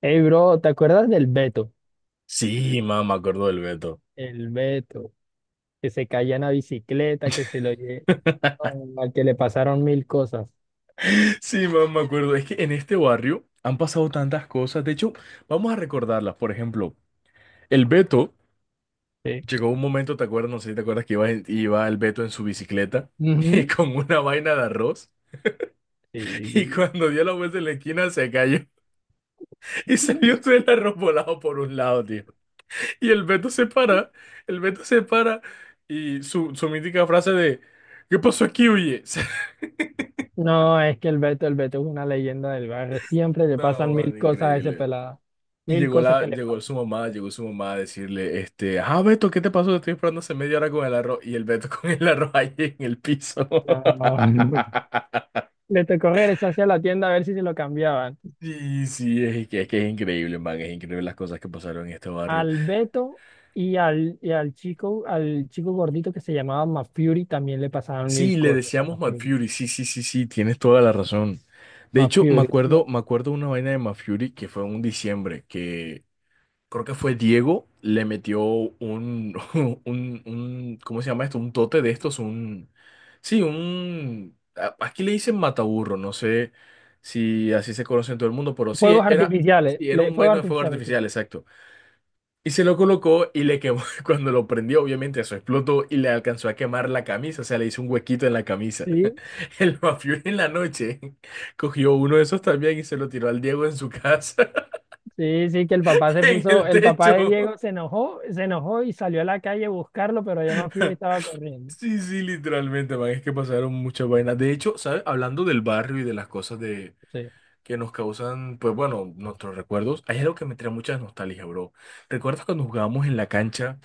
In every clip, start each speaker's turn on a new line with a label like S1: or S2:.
S1: Hey, bro, ¿te acuerdas del Beto?
S2: Sí, mamá, me acuerdo del Beto.
S1: El Beto, que se caía en la bicicleta, que se lo lle- oh, al que le pasaron mil cosas.
S2: Sí, mamá, me acuerdo. Es que en este barrio han pasado tantas cosas. De hecho, vamos a recordarlas. Por ejemplo, el Beto
S1: Sí.
S2: llegó un momento, ¿te acuerdas? No sé si te acuerdas que iba, iba el Beto en su bicicleta
S1: Ujú.
S2: con una vaina de arroz.
S1: Sí, sí,
S2: Y
S1: sí.
S2: cuando dio la vuelta en la esquina se cayó y se vio todo el arroz volado por un lado, tío. Y el Beto se para, el Beto se para y su mítica frase de, ¿qué pasó aquí, oye?
S1: No, es que el Beto es una leyenda del barrio. Siempre le
S2: No,
S1: pasan
S2: man,
S1: mil cosas a ese
S2: increíble.
S1: pelado.
S2: Y
S1: Mil cosas que le pasan.
S2: llegó su mamá a decirle, este, Beto, ¿qué te pasó? Te estoy esperando hace media hora con el arroz. Y el Beto con el arroz ahí en el piso.
S1: No. Le tocó regresar hacia la tienda a ver si se lo cambiaban.
S2: Sí, sí, es que es increíble, man, es increíble las cosas que pasaron en este barrio.
S1: Al Beto y al chico, al chico gordito que se llamaba Mafury también le pasaron
S2: Sí,
S1: mil
S2: le
S1: cosas a
S2: decíamos Mad
S1: Mafury.
S2: Fury, sí, sí, sí, sí, tienes toda la razón. De hecho, me
S1: Mafury.
S2: acuerdo, me acuerdo una vaina de Mad Fury que fue en un diciembre, que creo que fue Diego, le metió un, ¿cómo se llama esto? Un tote de estos, un, sí, un, aquí le dicen mataburro, no sé si así se conoce en todo el mundo, pero
S1: Fuegos artificiales,
S2: sí, era
S1: le-
S2: un
S1: fuegos
S2: vaino de fuego
S1: artificiales, sí.
S2: artificial, exacto. Y se lo colocó y le quemó, cuando lo prendió, obviamente eso explotó y le alcanzó a quemar la camisa, o sea, le hizo un huequito en la camisa.
S1: Sí,
S2: El mafioso en la noche cogió uno de esos también y se lo tiró al Diego en su casa,
S1: sí, sí, que
S2: en el
S1: el papá de
S2: techo.
S1: Diego se enojó y salió a la calle a buscarlo, pero ya Mapfre estaba corriendo.
S2: Sí, sí, literalmente, man, es que pasaron muchas vainas. De hecho, ¿sabes? Hablando del barrio y de las cosas de
S1: Sí.
S2: que nos causan, pues bueno, nuestros recuerdos, hay algo que me trae mucha nostalgia, bro. ¿Recuerdas cuando jugábamos en la cancha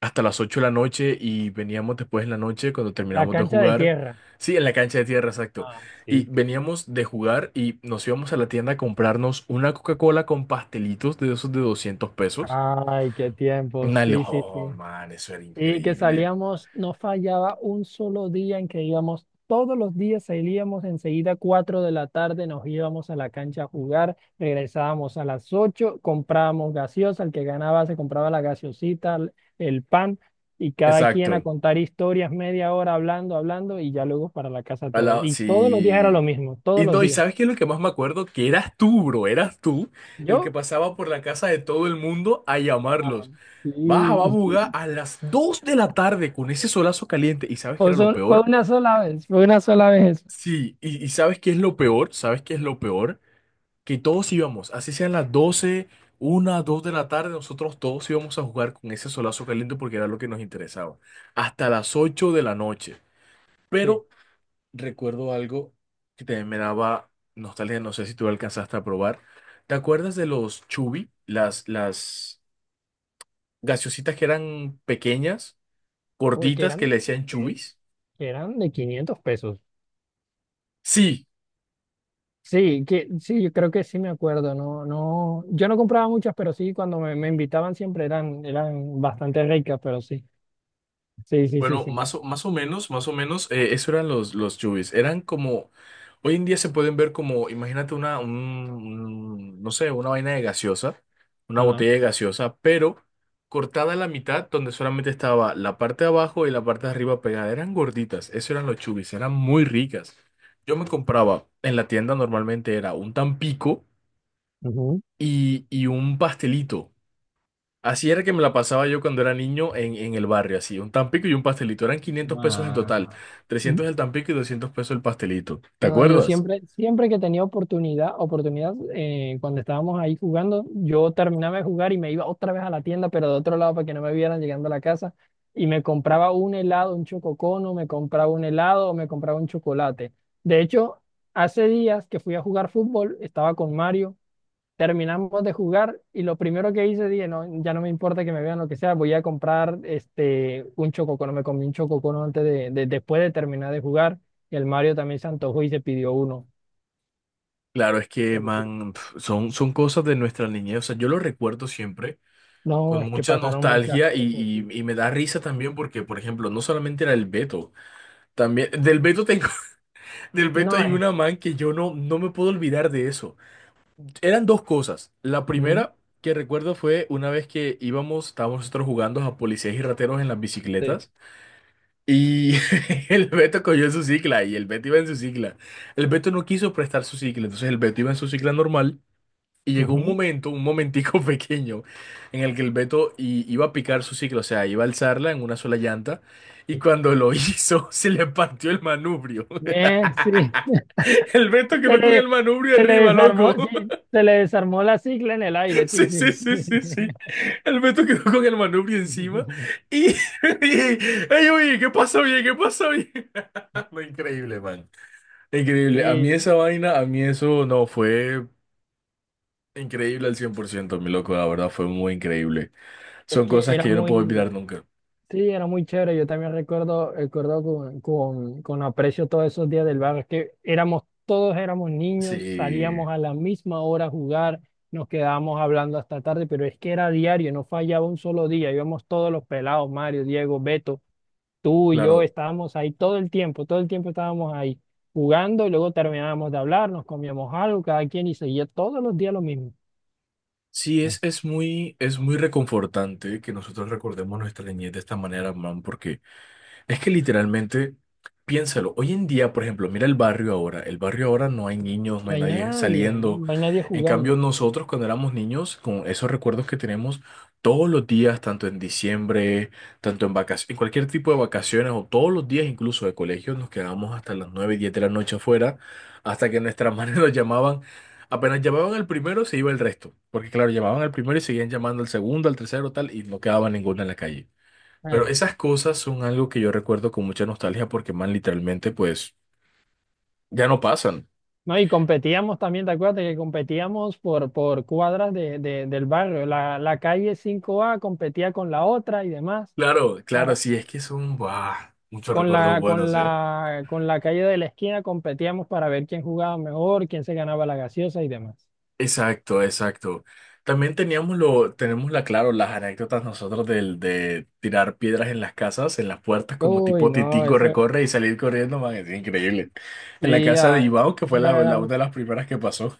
S2: hasta las 8 de la noche y veníamos después en la noche cuando
S1: La
S2: terminábamos de
S1: cancha de
S2: jugar?
S1: tierra.
S2: Sí, en la cancha de tierra, exacto.
S1: Ah,
S2: Y
S1: sí.
S2: veníamos de jugar y nos íbamos a la tienda a comprarnos una Coca-Cola con pastelitos de esos de 200 pesos.
S1: Ay, qué tiempo, sí, sí, sí.
S2: Man, eso era
S1: Y que
S2: increíble.
S1: salíamos, no fallaba un solo día en que íbamos, todos los días salíamos enseguida, 4 de la tarde, nos íbamos a la cancha a jugar, regresábamos a las 8, comprábamos gaseosa, el que ganaba se compraba la gaseosita, el pan, y cada quien a
S2: Exacto.
S1: contar historias, media hora hablando, hablando, y ya luego para la casa
S2: Al
S1: todos.
S2: lado,
S1: Y todos los días era lo
S2: sí.
S1: mismo, todos
S2: Y
S1: los
S2: no, ¿y
S1: días.
S2: sabes qué es lo que más me acuerdo? Que eras tú, bro, eras tú el que
S1: Yo,
S2: pasaba por la casa de todo el mundo a
S1: ah,
S2: llamarlos.
S1: sí.
S2: Baja, va, buga, a las 2 de la tarde con ese solazo caliente. ¿Y sabes qué
S1: O
S2: era lo
S1: sea, fue
S2: peor?
S1: una sola vez, fue una sola vez eso.
S2: Sí, y ¿sabes qué es lo peor? ¿Sabes qué es lo peor? Que todos íbamos, así sean las doce una dos de la tarde, nosotros todos íbamos a jugar con ese solazo caliente porque era lo que nos interesaba. Hasta las 8 de la noche.
S1: Sí.
S2: Pero recuerdo algo que también me daba nostalgia, no sé si tú lo alcanzaste a probar. ¿Te acuerdas de los chubi? Las gaseositas que eran pequeñas,
S1: Uy, que
S2: gorditas, que
S1: eran.
S2: le decían chubis.
S1: que eran de 500 pesos.
S2: Sí,
S1: Sí, que, sí, yo creo que sí me acuerdo, no, no, yo no compraba muchas, pero sí, cuando me invitaban siempre eran bastante ricas, pero sí, sí, sí, sí,
S2: bueno,
S1: sí.
S2: más o menos, eso eran los yubis. Eran como, hoy en día se pueden ver como, imagínate no sé, una vaina de gaseosa, una
S1: Ajá.
S2: botella de gaseosa, pero cortada a la mitad, donde solamente estaba la parte de abajo y la parte de arriba pegada. Eran gorditas, eso eran los chubis, eran muy ricas. Yo me compraba, en la tienda normalmente era un tampico
S1: Ujú.
S2: y un pastelito. Así era que me la pasaba yo cuando era niño en el barrio, así, un tampico y un pastelito. Eran quinientos pesos en total,
S1: Ah,
S2: 300 el tampico y 200 pesos el pastelito. ¿Te
S1: no, yo
S2: acuerdas?
S1: siempre, siempre que tenía oportunidad, oportunidad, cuando estábamos ahí jugando, yo terminaba de jugar y me iba otra vez a la tienda, pero de otro lado para que no me vieran llegando a la casa, y me compraba un helado, un chococono, me compraba un helado o me compraba un chocolate. De hecho, hace días que fui a jugar fútbol, estaba con Mario. Terminamos de jugar y lo primero que hice, dije, no, ya no me importa que me vean lo que sea, voy a comprar un chococono. Me comí un chococono después de terminar de jugar. Y el Mario también se antojó y se pidió uno.
S2: Claro, es que,
S1: Pero sí,
S2: man, pf, son cosas de nuestra niñez. O sea, yo lo recuerdo siempre
S1: no,
S2: con
S1: es que
S2: mucha
S1: pasaron muchas
S2: nostalgia y,
S1: cosas. Sí.
S2: y- y me da risa también porque, por ejemplo, no solamente era el Beto, también del Beto tengo, del Beto
S1: No,
S2: hay
S1: es.
S2: una, man, que yo no me puedo olvidar de eso. Eran dos cosas. La
S1: Ujú.
S2: primera que recuerdo fue una vez que íbamos, estábamos nosotros jugando a policías y rateros en las
S1: Sí.
S2: bicicletas y el Beto cogió su cicla y el Beto iba en su cicla. El Beto no quiso prestar su cicla, entonces el Beto iba en su cicla normal y llegó un
S1: Ujú.
S2: momento, un momentico pequeño en el que el Beto iba a picar su cicla, o sea, iba a alzarla en una sola llanta y cuando lo hizo se le partió el manubrio.
S1: Sí.
S2: El Beto
S1: Se
S2: quedó con el
S1: le,
S2: manubrio
S1: se le
S2: arriba,
S1: desarmó,
S2: loco.
S1: sí, se le desarmó la cicla en el aire, sí,
S2: Sí, sí,
S1: sí, sí.
S2: sí, sí, sí. El Beto quedó con el manubrio encima y, ey, oye, ¿qué pasó bien? ¿Qué pasó bien? No, increíble, man. Increíble.
S1: Sí,
S2: A mí eso no fue increíble al 100% mi loco. La verdad fue muy increíble.
S1: es
S2: Son
S1: que
S2: cosas
S1: era
S2: que yo no puedo olvidar
S1: muy,
S2: nunca.
S1: sí, era muy chévere. Yo también recuerdo con aprecio todos esos días del barrio. Es que todos éramos niños,
S2: Sí,
S1: salíamos a la misma hora a jugar, nos quedábamos hablando hasta tarde, pero es que era diario, no fallaba un solo día. Íbamos todos los pelados, Mario, Diego, Beto, tú y yo,
S2: claro.
S1: estábamos ahí todo el tiempo estábamos ahí jugando y luego terminábamos de hablar, nos comíamos algo, cada quien y seguía todos los días lo mismo.
S2: Sí, es muy reconfortante que nosotros recordemos nuestra niñez de esta manera, man, porque es que literalmente, piénsalo, hoy en día, por ejemplo, mira el barrio ahora no hay niños, no
S1: No
S2: hay
S1: hay
S2: nadie
S1: nadie, no,
S2: saliendo.
S1: no hay nadie
S2: En cambio,
S1: jugando.
S2: nosotros cuando éramos niños, con esos recuerdos que tenemos todos los días, tanto en diciembre, tanto en vacaciones, en cualquier tipo de vacaciones o todos los días incluso de colegio, nos quedábamos hasta las nueve, 10 de la noche afuera, hasta que nuestras madres nos llamaban. Apenas llamaban al primero, se iba el resto, porque claro, llamaban al primero y seguían llamando al segundo, al tercero, tal, y no quedaba ninguno en la calle. Pero esas cosas son algo que yo recuerdo con mucha nostalgia porque, man, literalmente, pues, ya no pasan.
S1: No, y competíamos también, ¿te acuerdas que competíamos por cuadras del barrio? La calle cinco a competía con la otra y demás.
S2: Claro, claro,
S1: Para-
S2: sí, es que son, buah, muchos
S1: Con
S2: recuerdos
S1: la, con
S2: buenos, ¿eh?
S1: la, con la calle de la esquina competíamos para ver quién jugaba mejor, quién se ganaba la gaseosa y demás.
S2: Exacto, exacto. También teníamos lo, tenemos la, claro, las anécdotas nosotros de tirar piedras en las casas, en las puertas, como
S1: Uy,
S2: tipo
S1: no,
S2: Titingo
S1: eso
S2: recorre y salir corriendo, man, es increíble. En la
S1: sí,
S2: casa de Iván, que fue
S1: la
S2: la,
S1: verdad,
S2: una de las primeras que pasó.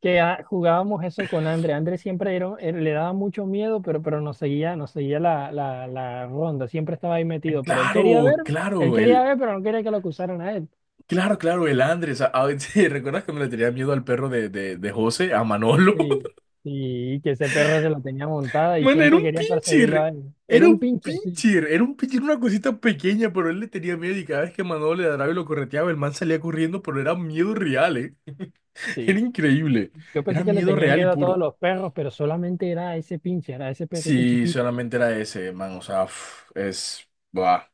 S1: que jugábamos eso con André. André siempre le daba mucho miedo, pero nos seguía la ronda, siempre estaba ahí
S2: Ay,
S1: metido, pero
S2: claro,
S1: él
S2: claro,
S1: quería
S2: el,
S1: ver, pero no quería que lo acusaran a él.
S2: Claro, claro, el Andrés. ¿Te ¿Recuerdas cuando le tenía miedo al perro de José, a Manolo?
S1: Sí, sí, y que ese perro se la tenía montada y
S2: Bueno, era
S1: siempre
S2: un
S1: quería perseguirlo a
S2: pincher.
S1: él. Era
S2: Era
S1: un
S2: un
S1: pincher, sí.
S2: pincher. Era un pincher, una cosita pequeña, pero él le tenía miedo y cada vez que Manolo le ladraba y lo correteaba, el man salía corriendo, pero era miedo real, ¿eh? Era
S1: Sí.
S2: increíble.
S1: Yo
S2: Era
S1: pensé que le
S2: miedo
S1: tenía
S2: real y
S1: miedo a todos
S2: puro.
S1: los perros, pero solamente era a ese pincher, a ese perrito
S2: Sí,
S1: chiquito.
S2: solamente era ese, man. O sea, uf, es... buah.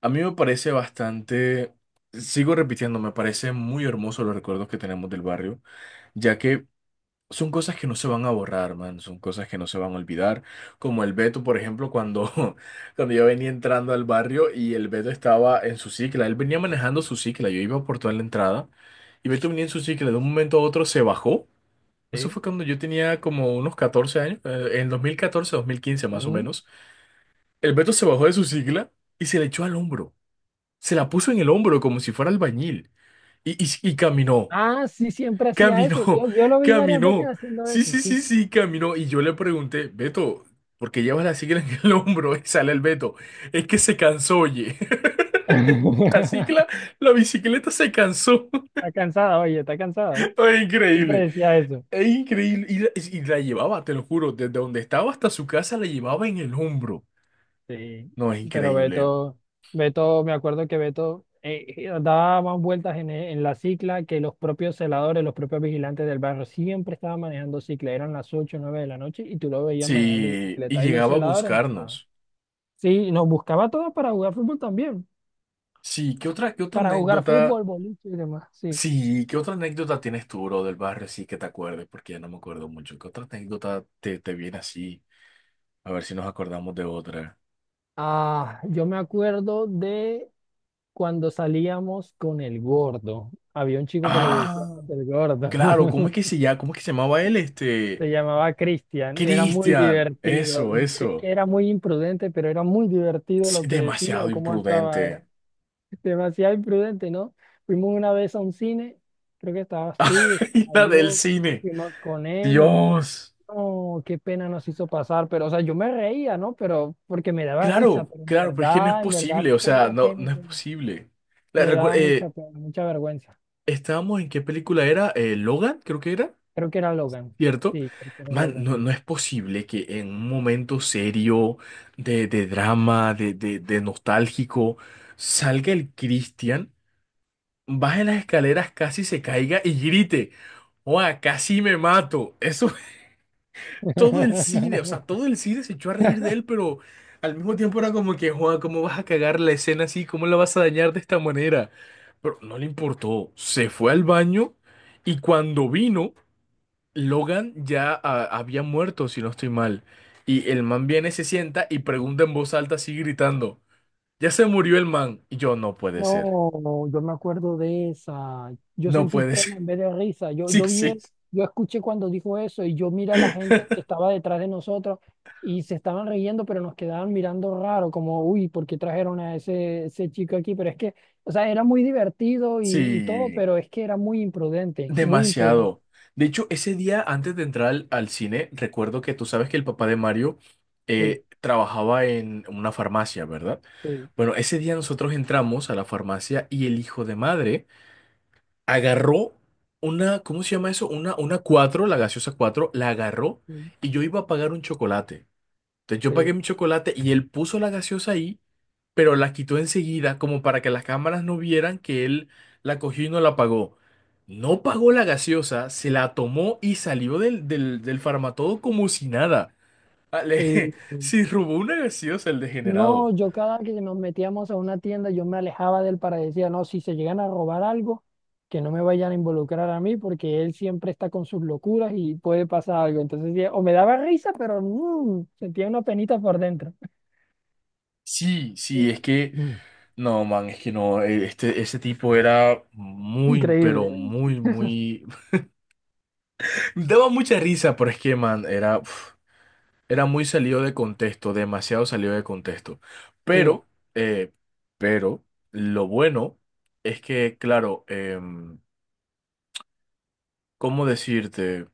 S2: A mí me parece bastante... Sigo repitiendo, me parece muy hermoso los recuerdos que tenemos del barrio ya que son cosas que no se van a borrar, man, son cosas que no se van a olvidar, como el Beto, por ejemplo, cuando, cuando yo venía entrando al barrio y el Beto estaba en su cicla, él venía manejando su cicla, yo iba por toda la entrada y Beto venía en su cicla, de un momento a otro se bajó, eso
S1: Sí.
S2: fue cuando yo tenía como unos 14 años, en 2014, 2015 más o
S1: Ujú.
S2: menos, el Beto se bajó de su cicla y se le echó al hombro, se la puso en el hombro como si fuera albañil y caminó.
S1: Ah, sí, siempre hacía eso.
S2: Caminó,
S1: Yo lo vi varias veces
S2: caminó.
S1: haciendo
S2: Sí,
S1: eso,
S2: sí,
S1: sí.
S2: sí, sí, caminó. Y yo le pregunté, Beto, ¿por qué llevas la cicla en el hombro? Y sale el Beto. Es que se cansó, oye. La cicla, la bicicleta se cansó.
S1: Está cansada, oye, está cansada.
S2: Es
S1: Siempre
S2: increíble.
S1: decía eso.
S2: Es increíble. Y la llevaba, te lo juro, desde donde estaba hasta su casa la llevaba en el hombro.
S1: Sí,
S2: No, es
S1: pero
S2: increíble.
S1: Beto, me acuerdo que Beto daba más vueltas en la cicla que los propios celadores, los propios vigilantes del barrio. Siempre estaba manejando cicla, eran las 8 o nueve de la noche y tú lo veías manejando
S2: Sí, y
S1: bicicleta y los
S2: llegaba a
S1: celadores no estaban.
S2: buscarnos.
S1: Sí, nos buscaba a todos para jugar fútbol también,
S2: Sí, ¿qué otra
S1: para jugar
S2: anécdota?
S1: fútbol, boliche y demás, sí.
S2: Sí, ¿qué otra anécdota tienes tú, bro, del barrio? Sí, que te acuerdes, porque ya no me acuerdo mucho. ¿Qué otra anécdota te viene así? A ver si nos acordamos de otra.
S1: Ah, yo me acuerdo de cuando salíamos con el gordo. Había un chico que le decíamos
S2: Ah,
S1: el gordo.
S2: claro, ¿cómo es que se llama? ¿Cómo es que se llamaba él? Este,
S1: Se llamaba Cristian, era muy
S2: Cristian.
S1: divertido.
S2: Eso,
S1: Es que
S2: eso.
S1: era muy imprudente, pero era muy divertido
S2: Sí,
S1: lo que decía
S2: demasiado
S1: o cómo actuaba.
S2: imprudente.
S1: Era demasiado imprudente, ¿no? Fuimos una vez a un cine, creo que estabas tú,
S2: Y
S1: estaba
S2: la del
S1: yo,
S2: cine.
S1: fuimos con él.
S2: Dios.
S1: No, qué pena nos hizo pasar, pero, o sea, yo me reía, ¿no? Pero porque me daba risa,
S2: Claro,
S1: pero
S2: claro, pero es que no es
S1: en verdad,
S2: posible, o sea,
S1: pena,
S2: no,
S1: pena,
S2: no es
S1: pena.
S2: posible. La,
S1: Me
S2: recu-
S1: daba mucha
S2: eh,
S1: pena, mucha vergüenza.
S2: Estábamos en qué película era, Logan, creo que era.
S1: Creo que era Logan.
S2: ¿Cierto?
S1: Sí, creo que era
S2: Man,
S1: Logan.
S2: no, no es posible que en un momento serio, de drama, de nostálgico, salga el Cristian, baje las escaleras, casi se caiga y grite, ¡Oa, casi me mato! Eso todo el cine, o sea, todo el cine se echó a reír de él, pero al mismo tiempo era como que, Juan, ¿cómo vas a cagar la escena así? ¿Cómo la vas a dañar de esta manera? Pero no le importó, se fue al baño y cuando vino... Logan ya había muerto, si no estoy mal. Y el man viene, se sienta y pregunta en voz alta, así gritando, ya se murió el man. Y yo, no puede ser,
S1: No, no, yo me acuerdo de esa. Yo
S2: no
S1: sentí
S2: puede ser.
S1: pena en vez de risa. Yo,
S2: Sí,
S1: yo vi,
S2: sí,
S1: el- yo escuché cuando dijo eso y yo mira a la gente que estaba detrás de nosotros y se estaban riendo, pero nos quedaban mirando raro, como, uy, ¿por qué trajeron a ese chico aquí? Pero es que, o sea, era muy divertido y todo,
S2: sí,
S1: pero es que era muy imprudente, muy imprudente.
S2: demasiado. De hecho, ese día antes de entrar al cine, recuerdo que tú sabes que el papá de Mario
S1: Sí,
S2: trabajaba en una farmacia, ¿verdad?
S1: sí,
S2: Bueno, ese día nosotros entramos a la farmacia y el hijo de madre agarró una, ¿cómo se llama eso? Una cuatro, la gaseosa 4 la agarró
S1: sí,
S2: y yo iba a pagar un chocolate. Entonces yo pagué
S1: sí.
S2: mi chocolate y él puso la gaseosa ahí, pero la quitó enseguida como para que las cámaras no vieran que él la cogió y no la pagó. No pagó la gaseosa, se la tomó y salió del farmatodo como si nada. Ale,
S1: Sí.
S2: sí, robó una gaseosa el
S1: No,
S2: degenerado.
S1: yo cada que nos metíamos a una tienda, yo me alejaba de él para decir, no, si se llegan a robar algo, que no me vayan a involucrar a mí, porque él siempre está con sus locuras y puede pasar algo. Entonces, sí, o me daba risa, pero sentía una penita por dentro.
S2: Sí,
S1: Sí.
S2: sí, es que
S1: Mm.
S2: no, man, es que no, ese tipo era muy,
S1: Increíble,
S2: pero muy, muy... Daba mucha risa, pero es que, man, era, uf, era muy salido de contexto, demasiado salido de contexto.
S1: sí.
S2: Pero, eh, pero, lo bueno es que, claro, ¿cómo decirte?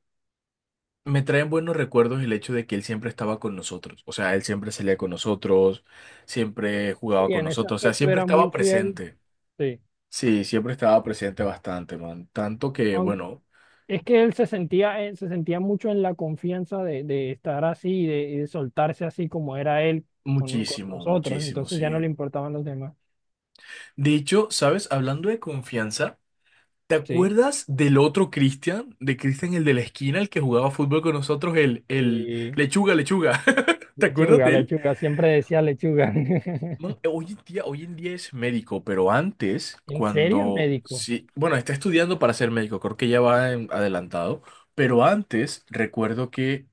S2: Me traen buenos recuerdos el hecho de que él siempre estaba con nosotros. O sea, él siempre salía con nosotros, siempre jugaba
S1: Y
S2: con
S1: en ese
S2: nosotros, o sea,
S1: aspecto
S2: siempre
S1: era
S2: estaba
S1: muy fiel,
S2: presente.
S1: sí.
S2: Sí, siempre estaba presente bastante, man. Tanto que,
S1: Aun-
S2: bueno,
S1: Es que él se sentía mucho en la confianza de estar así, y de soltarse así como era él con
S2: muchísimo,
S1: nosotros,
S2: muchísimo,
S1: entonces ya no le
S2: sí.
S1: importaban los demás.
S2: De hecho, ¿sabes? Hablando de confianza, ¿te
S1: Sí.
S2: acuerdas del otro Cristian? De Cristian, el de la esquina, el que jugaba fútbol con nosotros, el
S1: Sí,
S2: lechuga, lechuga. ¿Te acuerdas
S1: lechuga,
S2: de él?
S1: lechuga, siempre decía lechuga.
S2: Man, hoy en día es médico, pero antes,
S1: ¿En serio,
S2: cuando,
S1: médico?
S2: sí, bueno, está estudiando para ser médico, creo que ya va
S1: Ok.
S2: adelantado, pero antes recuerdo que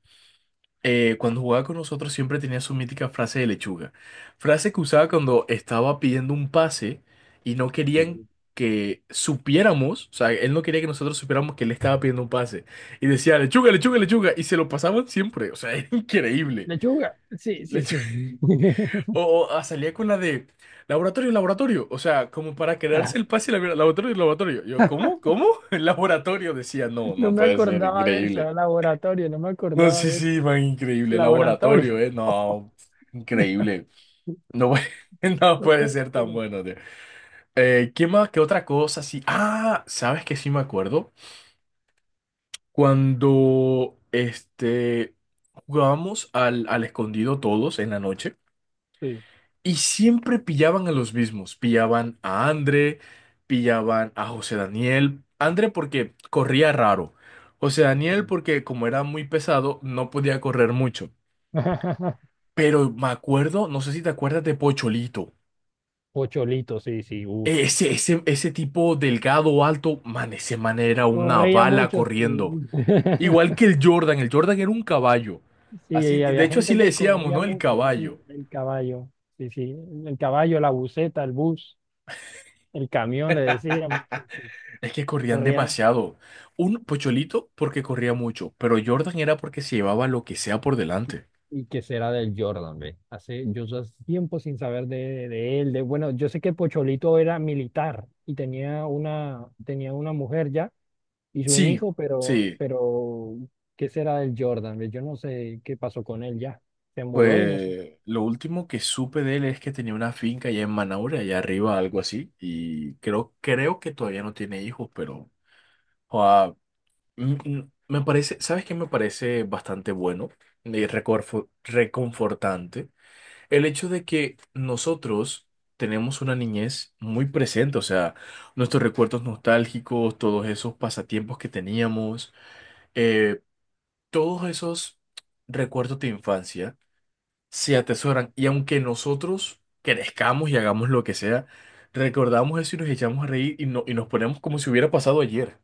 S2: cuando jugaba con nosotros siempre tenía su mítica frase de lechuga. Frase que usaba cuando estaba pidiendo un pase y no querían
S1: Sí.
S2: que supiéramos, o sea, él no quería que nosotros supiéramos que él estaba pidiendo un pase. Y decía, lechuga, lechuga, lechuga. Y se lo pasaban siempre, o sea, era increíble.
S1: Lechuga, sí, sí,
S2: Lechu-
S1: sí.
S2: O, o, ah, salía con la de laboratorio, laboratorio. O sea, como para
S1: Ah,
S2: quedarse el pase, laboratorio, laboratorio. Yo, ¿cómo? ¿Cómo? El laboratorio decía, no,
S1: no
S2: no
S1: me
S2: puede ser,
S1: acordaba de eso,
S2: increíble.
S1: laboratorio, no me
S2: No,
S1: acordaba
S2: sí,
S1: de eso,
S2: sí, man, increíble laboratorio,
S1: laboratorio.
S2: ¿eh? No, increíble. No, no
S1: No me
S2: puede
S1: acuerdo.
S2: ser tan bueno, tío. ¿Qué más? ¿Qué otra cosa? Sí. Ah, ¿sabes qué? Sí me acuerdo. Cuando, jugábamos al escondido todos en la noche
S1: Sí,
S2: y siempre pillaban a los mismos. Pillaban a André, pillaban a José Daniel. André porque corría raro. José Daniel
S1: sí.
S2: porque como era muy pesado, no podía correr mucho. Pero me acuerdo, no sé si te acuerdas de Pocholito.
S1: Pocholito, sí, sí, uff.
S2: Ese tipo delgado, alto, man, ese man era una
S1: Corría
S2: bala
S1: mucho, sí.
S2: corriendo. Igual que el Jordan era un caballo. Así,
S1: Sí,
S2: de
S1: había
S2: hecho, así
S1: gente
S2: le
S1: que
S2: decíamos,
S1: corría
S2: ¿no? El
S1: mucho, sí,
S2: caballo.
S1: el caballo, sí, sí, el caballo, la buseta, el bus, el camión, le decían, sí, sí,
S2: Es que corrían
S1: corría.
S2: demasiado. Un Pocholito porque corría mucho, pero Jordan era porque se llevaba lo que sea por delante.
S1: ¿Y qué será del Jordan, ve? Hace, yo hace tiempo sin saber de él. Bueno, yo sé que Pocholito era militar y tenía una, mujer ya y un
S2: Sí,
S1: hijo, pero,
S2: sí.
S1: pero ¿qué será del Jordan, ve? Yo no sé qué pasó con él ya. Se mudó y no sé.
S2: Pues lo último que supe de él es que tenía una finca allá en Manaure, allá arriba, algo así, y creo, creo que todavía no tiene hijos, pero joa, mm, mm, me parece, ¿sabes qué me parece bastante bueno y reconfortante? El hecho de que nosotros tenemos una niñez muy presente, o sea, nuestros recuerdos nostálgicos, todos esos pasatiempos que teníamos, eh, todos esos recuerdos de infancia se atesoran. Y aunque nosotros crezcamos y hagamos lo que sea, recordamos eso y nos echamos a reír y, no, y nos ponemos como si hubiera pasado ayer,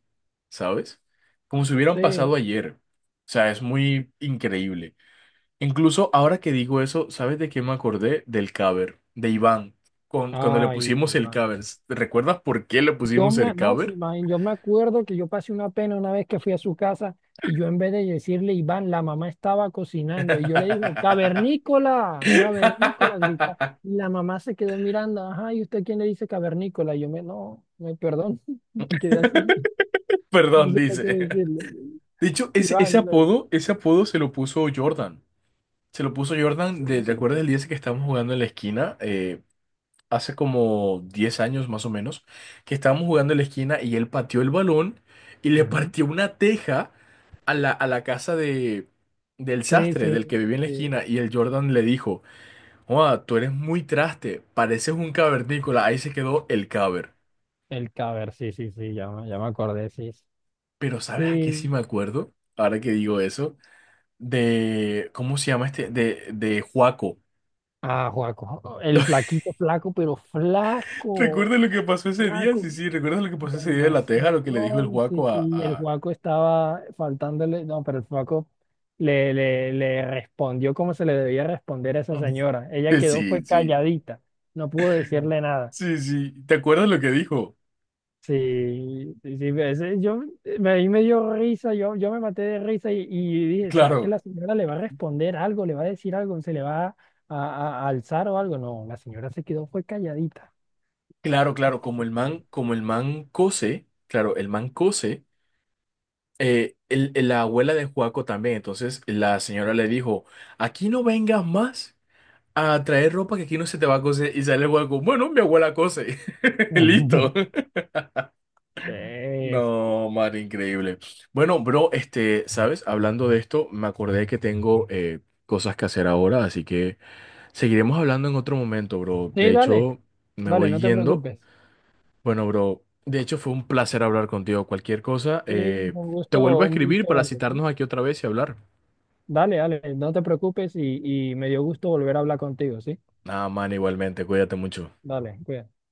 S2: ¿sabes? Como si hubieran pasado
S1: Sí.
S2: ayer. O sea, es muy increíble. Incluso ahora que digo eso, ¿sabes de qué me acordé? Del cover, de Iván. Cuando le
S1: Ay,
S2: pusimos el cover. ¿Recuerdas por qué le pusimos el
S1: No, sí,
S2: cover?
S1: man, yo me acuerdo que yo pasé una pena una vez que fui a su casa y yo en vez de decirle Iván, la mamá estaba cocinando y yo le dije, cavernícola, cavernícola, grita. Y la mamá se quedó mirando, ajá, ¿y usted quién le dice cavernícola? No, me perdón, quedé así, no
S2: Perdón,
S1: sé qué
S2: dice.
S1: decirle.
S2: De hecho, ese
S1: Iván, no,
S2: apodo, ese apodo se lo puso Jordan. Se lo puso Jordan, de,
S1: sí,
S2: ¿te
S1: ¿por
S2: acuerdas el
S1: qué?
S2: día ese que estábamos jugando en la esquina? Hace como 10 años más o menos, que estábamos jugando en la esquina y él pateó el balón y le
S1: Ujú.
S2: partió una teja a la casa de, del
S1: Sí,
S2: sastre, del
S1: sí,
S2: que vivía en la
S1: sí.
S2: esquina, y el Jordan le dijo, joa, tú eres muy traste, pareces un cavernícola. Ahí se quedó el caber.
S1: El caber, sí, sí, sí, ya me acordé, sí.
S2: Pero ¿sabes a qué sí
S1: Sí.
S2: me acuerdo? Ahora que digo eso, de, ¿cómo se llama este? De Juaco.
S1: Ah, Juaco, el flaquito, flaco, pero flaco.
S2: ¿Recuerdas lo que pasó ese día?
S1: Flaco,
S2: Sí, sí, ¿recuerdas lo que pasó ese día de la teja?
S1: demasiado.
S2: Lo que le dijo el
S1: No, sí,
S2: Juaco
S1: sí, el
S2: a-
S1: Juaco estaba faltándole. No, pero el Juaco le respondió como se le debía responder a esa señora. Ella quedó, fue
S2: Sí, sí.
S1: calladita. No pudo decirle nada.
S2: Sí, sí. ¿Te acuerdas lo que dijo?
S1: Sí, sí, sí, ahí me dio risa, yo me maté de risa y dije, ¿será que
S2: Claro,
S1: la señora le va a responder algo, le va a decir algo, se le va a alzar o algo? No, la señora se quedó, fue calladita.
S2: claro, claro.
S1: Sí.
S2: Como el man cose, claro, el man cose, la abuela de Juaco también. Entonces la señora
S1: Sí.
S2: le dijo, aquí no vengas más a traer ropa que aquí no se te va a coser. Y sale el Juaco, bueno, mi abuela cose. Listo.
S1: ¿Ves?
S2: No, man, increíble. Bueno, bro, ¿sabes? Hablando de esto, me acordé que tengo cosas que hacer ahora, así que seguiremos hablando en otro momento, bro.
S1: Sí,
S2: De
S1: dale.
S2: hecho, me
S1: Dale,
S2: voy
S1: no te
S2: yendo.
S1: preocupes.
S2: Bueno, bro, de hecho fue un placer hablar contigo. Cualquier cosa,
S1: Sí,
S2: te vuelvo a
S1: un
S2: escribir
S1: gusto
S2: para
S1: verte, ¿sí?
S2: citarnos aquí otra vez y hablar.
S1: Dale, dale, no te preocupes y me dio gusto volver a hablar contigo, ¿sí?
S2: Ah, man, igualmente, cuídate mucho.
S1: Dale, cuídate.